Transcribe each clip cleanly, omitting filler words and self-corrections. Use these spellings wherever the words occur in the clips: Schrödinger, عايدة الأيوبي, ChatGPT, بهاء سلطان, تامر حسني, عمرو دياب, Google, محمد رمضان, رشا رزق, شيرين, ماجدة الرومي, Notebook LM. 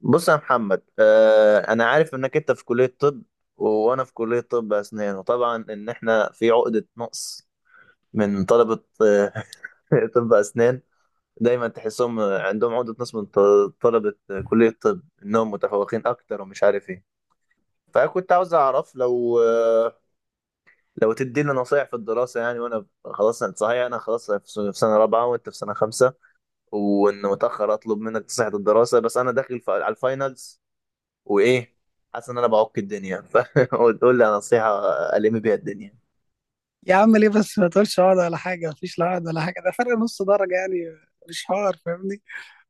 بص يا محمد، انا عارف انك انت في كلية طب، وانا في كلية طب اسنان. وطبعا ان احنا في عقدة نقص من طلبة طب اسنان. دايما تحسهم عندهم عقدة نقص من طلبة كلية طب، انهم متفوقين اكتر ومش عارف ايه. فكنت عاوز اعرف لو تدينا نصايح في الدراسة، يعني وانا خلاص صحيح انا خلاص في سنة رابعة وانت في سنة خمسة، وان متأخر اطلب منك نصيحة الدراسة. بس انا داخل على الفاينلز، وايه، حاسس ان انا بعك الدنيا. فقول لي على نصيحه الم بيها الدنيا. يا عم ليه بس ما تقولش عقد ولا حاجه؟ مفيش لا عقد ولا حاجه، ده فرق نص درجه يعني. مش حوار، فاهمني؟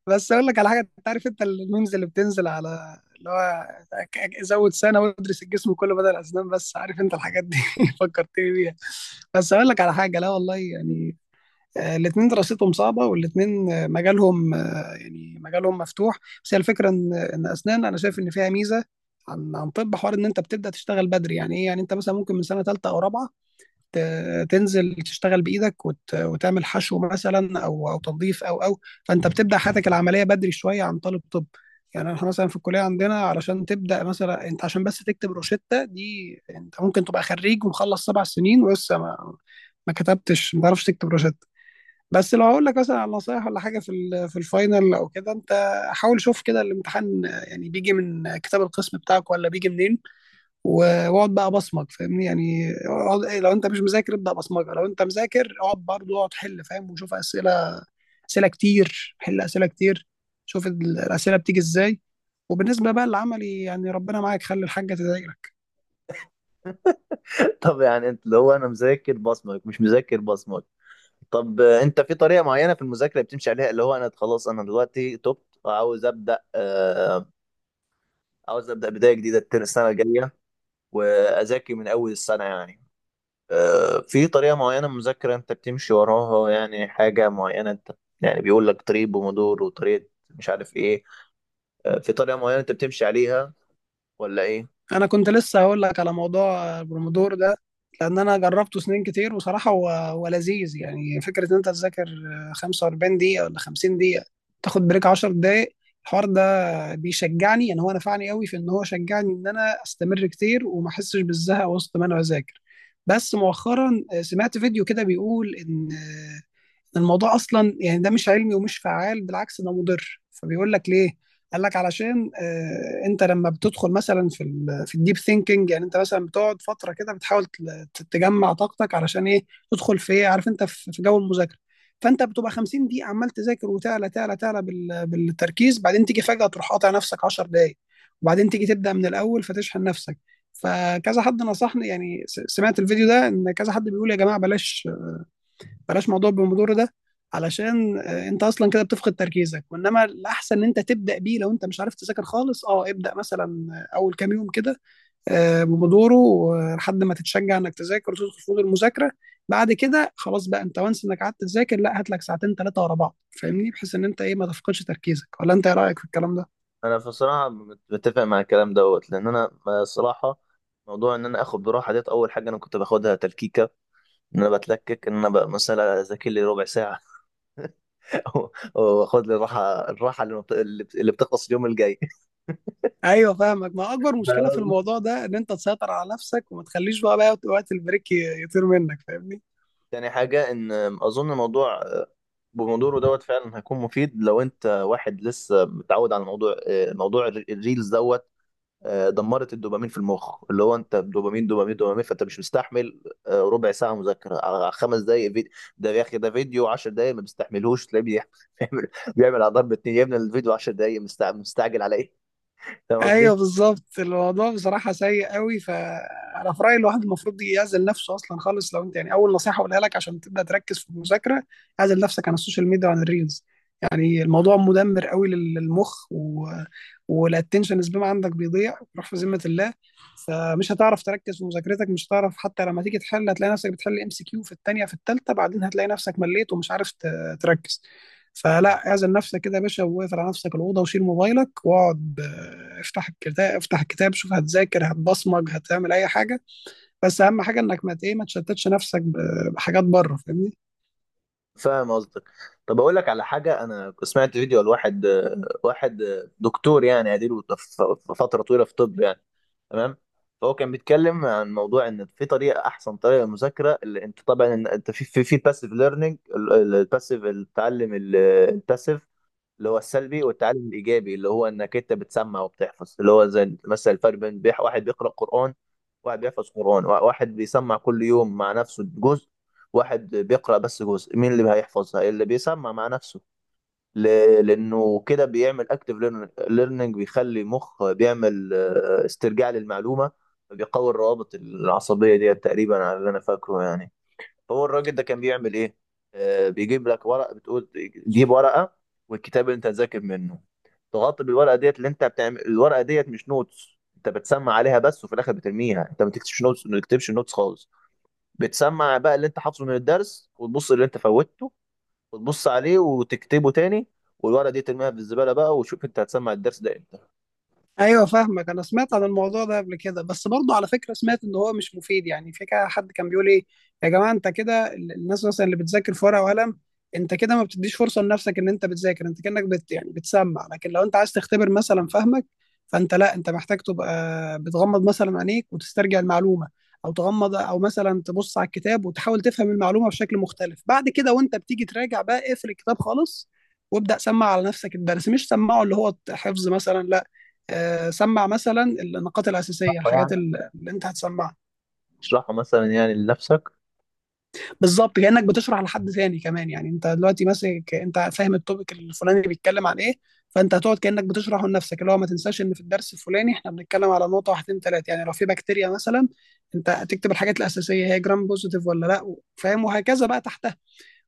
بس اقول لك على حاجه، انت عارف انت الميمز اللي بتنزل على اللي هو زود سنه وادرس الجسم كله بدل الاسنان؟ بس عارف انت الحاجات دي فكرتني بيها. بس اقول لك على حاجه، لا والله يعني، الاتنين دراستهم صعبه والاتنين مجالهم مجالهم مفتوح. بس هي الفكره ان اسنان انا شايف ان فيها ميزه عن طب، حوار ان انت بتبدا تشتغل بدري. يعني ايه؟ يعني انت مثلا ممكن من سنه ثالثه او رابعه تنزل تشتغل بايدك وتعمل حشو مثلا او تنظيف او او فانت بتبدا حياتك العمليه بدري شويه عن طالب طب. يعني احنا مثلا في الكليه عندنا، علشان تبدا مثلا انت عشان بس تكتب روشته دي، انت ممكن تبقى خريج ومخلص 7 سنين ولسه ما كتبتش، ما تعرفش تكتب روشته. بس لو هقول لك مثلا على نصايح ولا حاجه في في الفاينل او كده، انت حاول شوف كده الامتحان، يعني بيجي من كتاب القسم بتاعك ولا بيجي منين. واقعد بقى بصمج، فاهمني؟ يعني اقعد لو انت مش مذاكر ابدا بصمجه، لو انت مذاكر اقعد برضه، اقعد حل فاهم وشوف اسئله، اسئله كتير، حل اسئله كتير، شوف الاسئله بتيجي ازاي. وبالنسبه بقى للعملي يعني ربنا معاك، خلي الحاجه تذاكرك. طب يعني انت اللي هو انا مذاكر بصمك مش مذاكر بصمك. طب، انت في طريقه معينه في المذاكره بتمشي عليها؟ اللي هو انا خلاص انا دلوقتي تبت وعاوز ابدا آه عاوز ابدا بدايه جديده السنه الجايه، واذاكر من اول السنه يعني. في طريقه معينه مذاكره انت بتمشي وراها؟ يعني حاجه معينه انت، يعني بيقول لك طريق بومودور وطريقه مش عارف ايه. في طريقه معينه انت بتمشي عليها، ولا ايه؟ انا كنت لسه هقول لك على موضوع البرومودور ده، لان انا جربته سنين كتير وصراحه هو لذيذ. يعني فكره ان انت تذاكر 45 دقيقه ولا 50 دقيقه، تاخد بريك 10 دقائق. الحوار ده بيشجعني، يعني هو نفعني قوي في ان هو شجعني ان انا استمر كتير وما احسش بالزهق وسط ما انا بذاكر. بس مؤخرا سمعت فيديو كده بيقول ان الموضوع اصلا يعني ده مش علمي ومش فعال، بالعكس ده مضر. فبيقول لك ليه؟ قال لك علشان انت لما بتدخل مثلا في في الديب ثينكينج، يعني انت مثلا بتقعد فتره كده بتحاول تجمع طاقتك علشان ايه؟ تدخل في ايه؟ عارف انت في جو المذاكره. فانت بتبقى 50 دقيقه عمال تذاكر وتعلى تعلى تعلى بالتركيز، بعدين تيجي فجاه تروح قاطع نفسك 10 دقائق، وبعدين تيجي تبدا من الاول فتشحن نفسك. فكذا حد نصحني، يعني سمعت الفيديو ده ان كذا حد بيقول يا جماعه بلاش، بلاش موضوع البومودورو ده، علشان انت اصلا كده بتفقد تركيزك. وانما الاحسن ان انت تبدا بيه لو انت مش عارف تذاكر خالص، اه ابدا مثلا اول كام يوم كده بومودورو لحد ما تتشجع انك تذاكر وتدخل في مود المذاكره. بعد كده خلاص بقى، انت وانس انك قعدت تذاكر لا، هات لك ساعتين ثلاثه ورا بعض، فاهمني؟ بحيث ان انت ايه ما تفقدش تركيزك. ولا انت ايه رايك في الكلام ده؟ انا بصراحه متفق مع الكلام دوت، لان انا الصراحه موضوع ان انا اخد براحه ديت. اول حاجه انا كنت باخدها تلكيكه، ان انا بتلكك ان انا بقى مثلا اذاكر لي ربع ساعه واخد لي الراحه، اللي بتخلص اليوم الجاي. ايوه فاهمك، ما اكبر مشكله في الموضوع ده ان انت تسيطر على نفسك وما تخليش بقى وقت البريك يطير منك، فاهمني؟ تاني حاجة إن أظن الموضوع بموضوعه دوت فعلا هيكون مفيد لو أنت واحد لسه متعود على الموضوع، موضوع الريلز دوت. دمرت الدوبامين في المخ. اللي هو انت دوبامين دوبامين دوبامين، فانت مش مستحمل ربع ساعه مذاكره على خمس دقائق فيديو. ده يا اخي ده فيديو 10 دقائق ما بيستحملوش، تلاقيه بيعمل بيعمل على ضرب اتنين، يا ابني الفيديو 10 دقائق مستعجل على ايه؟ فاهم قصدي؟ ايوه بالظبط، الموضوع بصراحه سيء قوي. فانا في رايي الواحد المفروض يعزل نفسه اصلا خالص، لو انت يعني. اول نصيحه اقولها لك عشان تبدا تركز في المذاكره، اعزل نفسك عن السوشيال ميديا وعن الريلز. يعني الموضوع مدمر قوي للمخ والاتنشن سبان عندك بيضيع بيروح في ذمه الله. فمش هتعرف تركز في مذاكرتك، مش هتعرف حتى لما تيجي تحل هتلاقي نفسك بتحل MCQ في الثانيه في الثالثه، بعدين هتلاقي نفسك مليت ومش عارف تركز. فلا، اعزل نفسك كده يا باشا واقفل على نفسك الاوضه وشيل موبايلك واقعد، افتح الكتاب، افتح الكتاب، شوف هتذاكر هتبصمج هتعمل اي حاجه، بس اهم حاجه انك ما ت- ايه ما تشتتش نفسك بحاجات بره، فاهمني؟ فاهم قصدك. طب اقول لك على حاجه، انا سمعت فيديو لواحد واحد دكتور، يعني اديله في فتره طويله في طب يعني، تمام؟ فهو كان بيتكلم عن موضوع ان في طريقه، احسن طريقه للمذاكره، اللي انت طبعا انت في الباسيف ليرنينج، الباسيف التعلم الباسيف، اللي هو السلبي، والتعلم الايجابي اللي هو انك انت بتسمع وبتحفظ. اللي هو زي مثلا الفرق بين واحد بيقرا قران، واحد بيحفظ قرآن، واحد بيسمع كل يوم مع نفسه جزء، واحد بيقرأ بس جزء. مين اللي هيحفظها؟ اللي بيسمع مع نفسه، ل... لأنه كده بيعمل اكتف ليرنينج، بيخلي مخ بيعمل استرجاع للمعلومة، بيقوي الروابط العصبية دي، تقريبا على اللي أنا فاكره يعني. هو الراجل ده كان بيعمل ايه؟ آه بيجيب لك ورق، بتقول جيب ورقه والكتاب اللي انت هتذاكر منه، تغطي بالورقه ديت. اللي انت بتعمل الورقه ديت مش نوتس، انت بتسمع عليها بس وفي الاخر بترميها، انت ما بتكتبش نوتس، ما بتكتبش نوتس خالص. بتسمع بقى اللي انت حافظه من الدرس، وتبص اللي انت فوتته وتبص عليه وتكتبه تاني، والورقه دي ترميها في الزباله بقى، وشوف انت هتسمع الدرس ده امتى. ايوه فاهمك. انا سمعت عن الموضوع ده قبل كده، بس برضه على فكره سمعت ان هو مش مفيد. يعني في كده حد كان بيقول ايه، يا جماعه انت كده الناس مثلا اللي بتذاكر في ورقه وقلم، انت كده ما بتديش فرصه لنفسك ان انت بتذاكر. انت كانك يعني بتسمع، لكن لو انت عايز تختبر مثلا فهمك، فانت لا، انت محتاج تبقى بتغمض مثلا عينيك وتسترجع المعلومه. او تغمض او مثلا تبص على الكتاب وتحاول تفهم المعلومه بشكل مختلف. بعد كده وانت بتيجي تراجع بقى، اقفل الكتاب خالص وابدا سمع على نفسك الدرس، مش سمعه اللي هو حفظ مثلا لا، سمع مثلا النقاط الاساسيه، الحاجات يعني اللي انت هتسمعها. تشرحه مثلا يعني لنفسك. بالظبط كانك بتشرح لحد ثاني كمان، يعني انت دلوقتي ماسك انت فاهم التوبيك الفلاني بيتكلم عن ايه، فانت هتقعد كانك بتشرحه لنفسك اللي هو ما تنساش ان في الدرس الفلاني احنا بنتكلم على نقطه واحدين ثلاثه. يعني لو في بكتيريا مثلا، انت هتكتب الحاجات الاساسيه هي جرام بوزيتيف ولا لا، فاهم؟ وهكذا بقى تحت.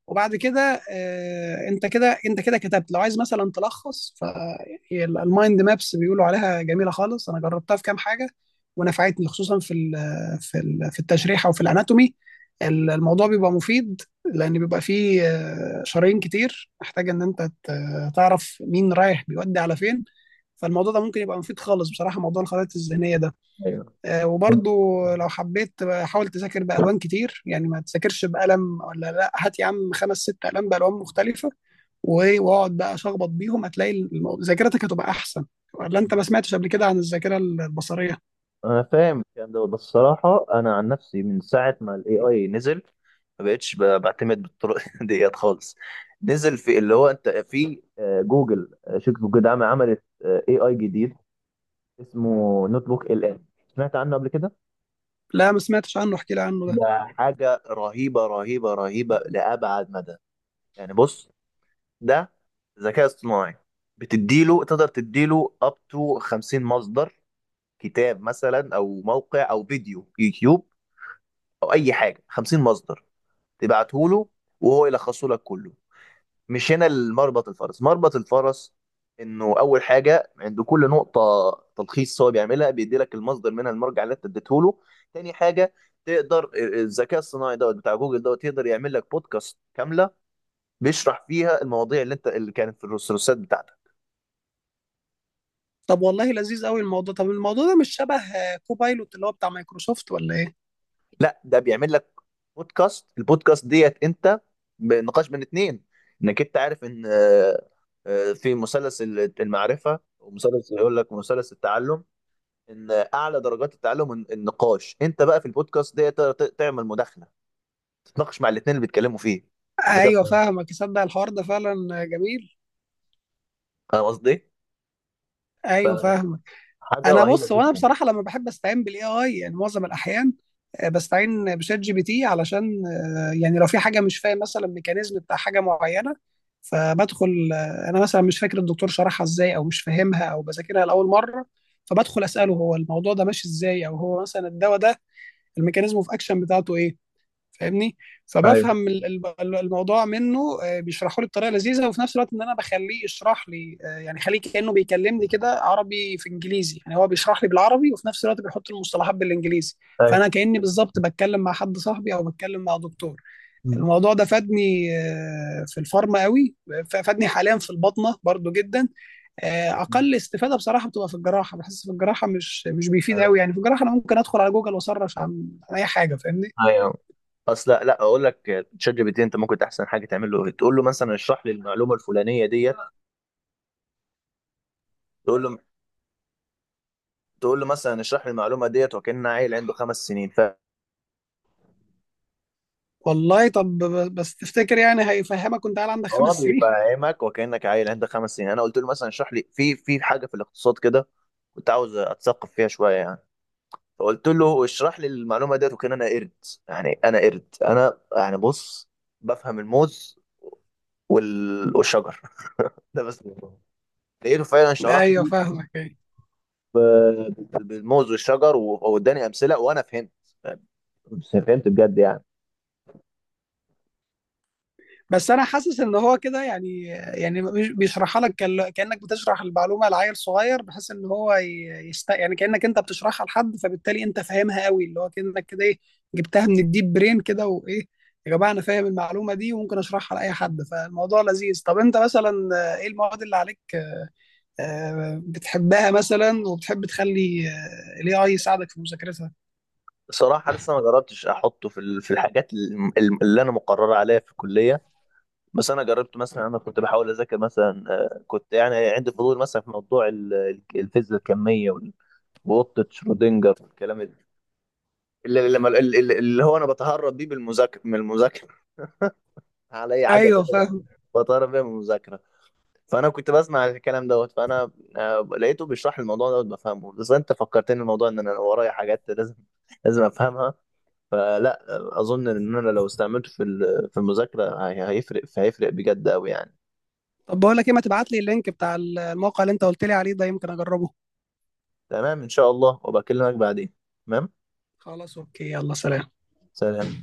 وبعد كده انت كده كتبت، لو عايز مثلا تلخص، فالمايند مابس بيقولوا عليها جميله خالص، انا جربتها في كام حاجه ونفعتني خصوصا في في في التشريح او في الاناتومي. الموضوع بيبقى مفيد، لان بيبقى فيه شرايين كتير محتاج ان انت تعرف مين رايح بيودي على فين. فالموضوع ده ممكن يبقى مفيد خالص بصراحه، موضوع الخرائط الذهنيه ده. ايوه، وبرضو لو حبيت بقى حاول تذاكر بألوان كتير، يعني ما تذاكرش بقلم ولا لا، هات يا عم خمس ست ألوان بألوان مختلفة. واقعد بقى شخبط بيهم، هتلاقي ذاكرتك هتبقى أحسن. ولا أنت ما سمعتش قبل كده عن الذاكرة البصرية؟ انا فاهم الكلام دوت، بس الصراحه انا عن نفسي من ساعه ما الاي اي نزل، ما بقتش بعتمد بالطرق ديت خالص. نزل في اللي هو انت في جوجل، شركه جوجل عملت اي اي جديد اسمه نوت بوك LM، سمعت عنه قبل كده؟ لا ما سمعتش عنه، احكي لي عنه ده. ده حاجه رهيبه رهيبه رهيبه لابعد مدى. يعني بص، ده ذكاء اصطناعي، بتديله، تقدر تديله اب تو 50 مصدر. كتاب مثلا، او موقع، او فيديو يوتيوب، او اي حاجه، 50 مصدر تبعته له وهو يلخصه لك كله. مش هنا المربط الفرس، مربط الفرس انه اول حاجه عند كل نقطه تلخيص هو بيعملها، بيدي لك المصدر منها، المرجع اللي انت اديته له. تاني حاجه، تقدر الذكاء الصناعي دوت بتاع جوجل دوت يقدر يعمل لك بودكاست كامله، بيشرح فيها المواضيع اللي كانت في الرسالات بتاعتك. طب والله لذيذ قوي الموضوع. طب الموضوع ده مش شبه كوبايلوت اللي هو بتاع مايكروسوفت، ولا إيه؟ لا، ده بيعمل لك بودكاست، البودكاست ديت انت بنقاش بين اتنين. انك انت عارف ان في مثلث المعرفه، ومثلث يقول لك مثلث التعلم، ان اعلى درجات التعلم النقاش. انت بقى في البودكاست ديت تقدر تعمل مداخله، تتناقش مع الاتنين اللي بيتكلموا فيه. ذكاء ايوه اصطناعي. فاهمك، تصدق الحوار ده فعلا جميل. فاهم قصدي؟ ايوه فاهمك. حاجه انا رهيبه بص، وانا جدا. بصراحه لما بحب استعين بالاي اي يعني، معظم الاحيان بستعين بشات جي بي تي علشان يعني لو في حاجه مش فاهم مثلا ميكانيزم بتاع حاجه معينه، فبدخل انا مثلا مش فاكر الدكتور شرحها ازاي او مش فاهمها او بذاكرها لاول مره، فبدخل اساله هو الموضوع ده ماشي ازاي، او هو مثلا الدواء ده الميكانيزم اوف اكشن بتاعته ايه، فاهمني؟ ايوه. فبفهم الموضوع منه، بيشرحه لي بطريقه لذيذه. وفي نفس الوقت ان انا بخليه يشرح لي، يعني خليه كانه بيكلمني كده عربي في انجليزي، يعني هو بيشرح لي بالعربي وفي نفس الوقت بيحط المصطلحات بالانجليزي. ايوه. فانا كاني بالظبط بتكلم مع حد صاحبي او بتكلم مع دكتور. مم. الموضوع ده فادني في الفارما قوي، فادني حاليا في البطنه برضو جدا. اقل استفاده بصراحه بتبقى في الجراحه، بحس في الجراحه مش بيفيد ايوه. قوي، يعني في الجراحه انا ممكن ادخل على جوجل واسرش عن اي حاجه، فاهمني؟ أيوة. اصل لا، لا، اقول لك تشات جي بي تي، انت ممكن احسن حاجه تعمل له، تقول له مثلا اشرح لي المعلومه الفلانيه ديت، تقول له، تقول له مثلا اشرح لي المعلومه ديت وكان عيل عنده خمس سنين. والله طب بس تفتكر يعني هيفهمك وانت قاعد عندك فهو 5 سنين؟ بيفهمك وكانك عيل عنده خمس سنين. انا قلت له مثلا اشرح لي في حاجه في الاقتصاد كده، كنت عاوز اتثقف فيها شويه يعني، فقلت له اشرح لي المعلومه ديت، وكان انا قرد. يعني انا قرد انا، يعني بص، بفهم الموز والشجر ده بس. لقيته فعلا شرح ايوه لي فاهمك يعني، بالموز والشجر واداني امثله، وانا فهمت، فهمت بجد يعني. بس انا حاسس ان هو كده يعني بيشرحها لك كانك بتشرح المعلومه لعيل صغير، بحيث ان هو يست، يعني كانك انت بتشرحها لحد، فبالتالي انت فاهمها قوي. اللي هو كانك كده ايه، جبتها من الديب برين كده، وايه يا جماعه انا فاهم المعلومه دي وممكن اشرحها لاي حد. فالموضوع لذيذ. طب انت مثلا ايه المواد اللي عليك بتحبها مثلا وبتحب تخلي الاي اي يساعدك في مذاكرتها؟ صراحة لسه ما جربتش أحطه في في الحاجات اللي أنا مقرر عليها في الكلية، بس أنا جربت مثلا، أنا كنت بحاول أذاكر مثلا، كنت يعني عندي فضول مثلا في موضوع الفيزياء الكمية وقطة شرودنجر والكلام ده، اللي, لما- اللي, اللي اللي هو أنا بتهرب بيه بالمذاكرة من المذاكرة، على أي حاجة ايوه. أذاكرها بتهرب بيها من المذاكرة. فأنا كنت بسمع الكلام دوت، فأنا لقيته بيشرح الموضوع دوت، بفهمه. بس أنت فكرتني الموضوع، إن أنا ورايا حاجات لازم أفهمها. فلا، اظن ان انا لو استعملته في في المذاكره هي- هيفرق فهيفرق بجد قوي يعني. طب بقول لك ايه، ما تبعت لي اللينك بتاع الموقع اللي انت قلت لي عليه ده، يمكن اجربه. تمام، ان شاء الله وبكلمك بعدين. تمام. خلاص، اوكي، يلا سلام. سلام.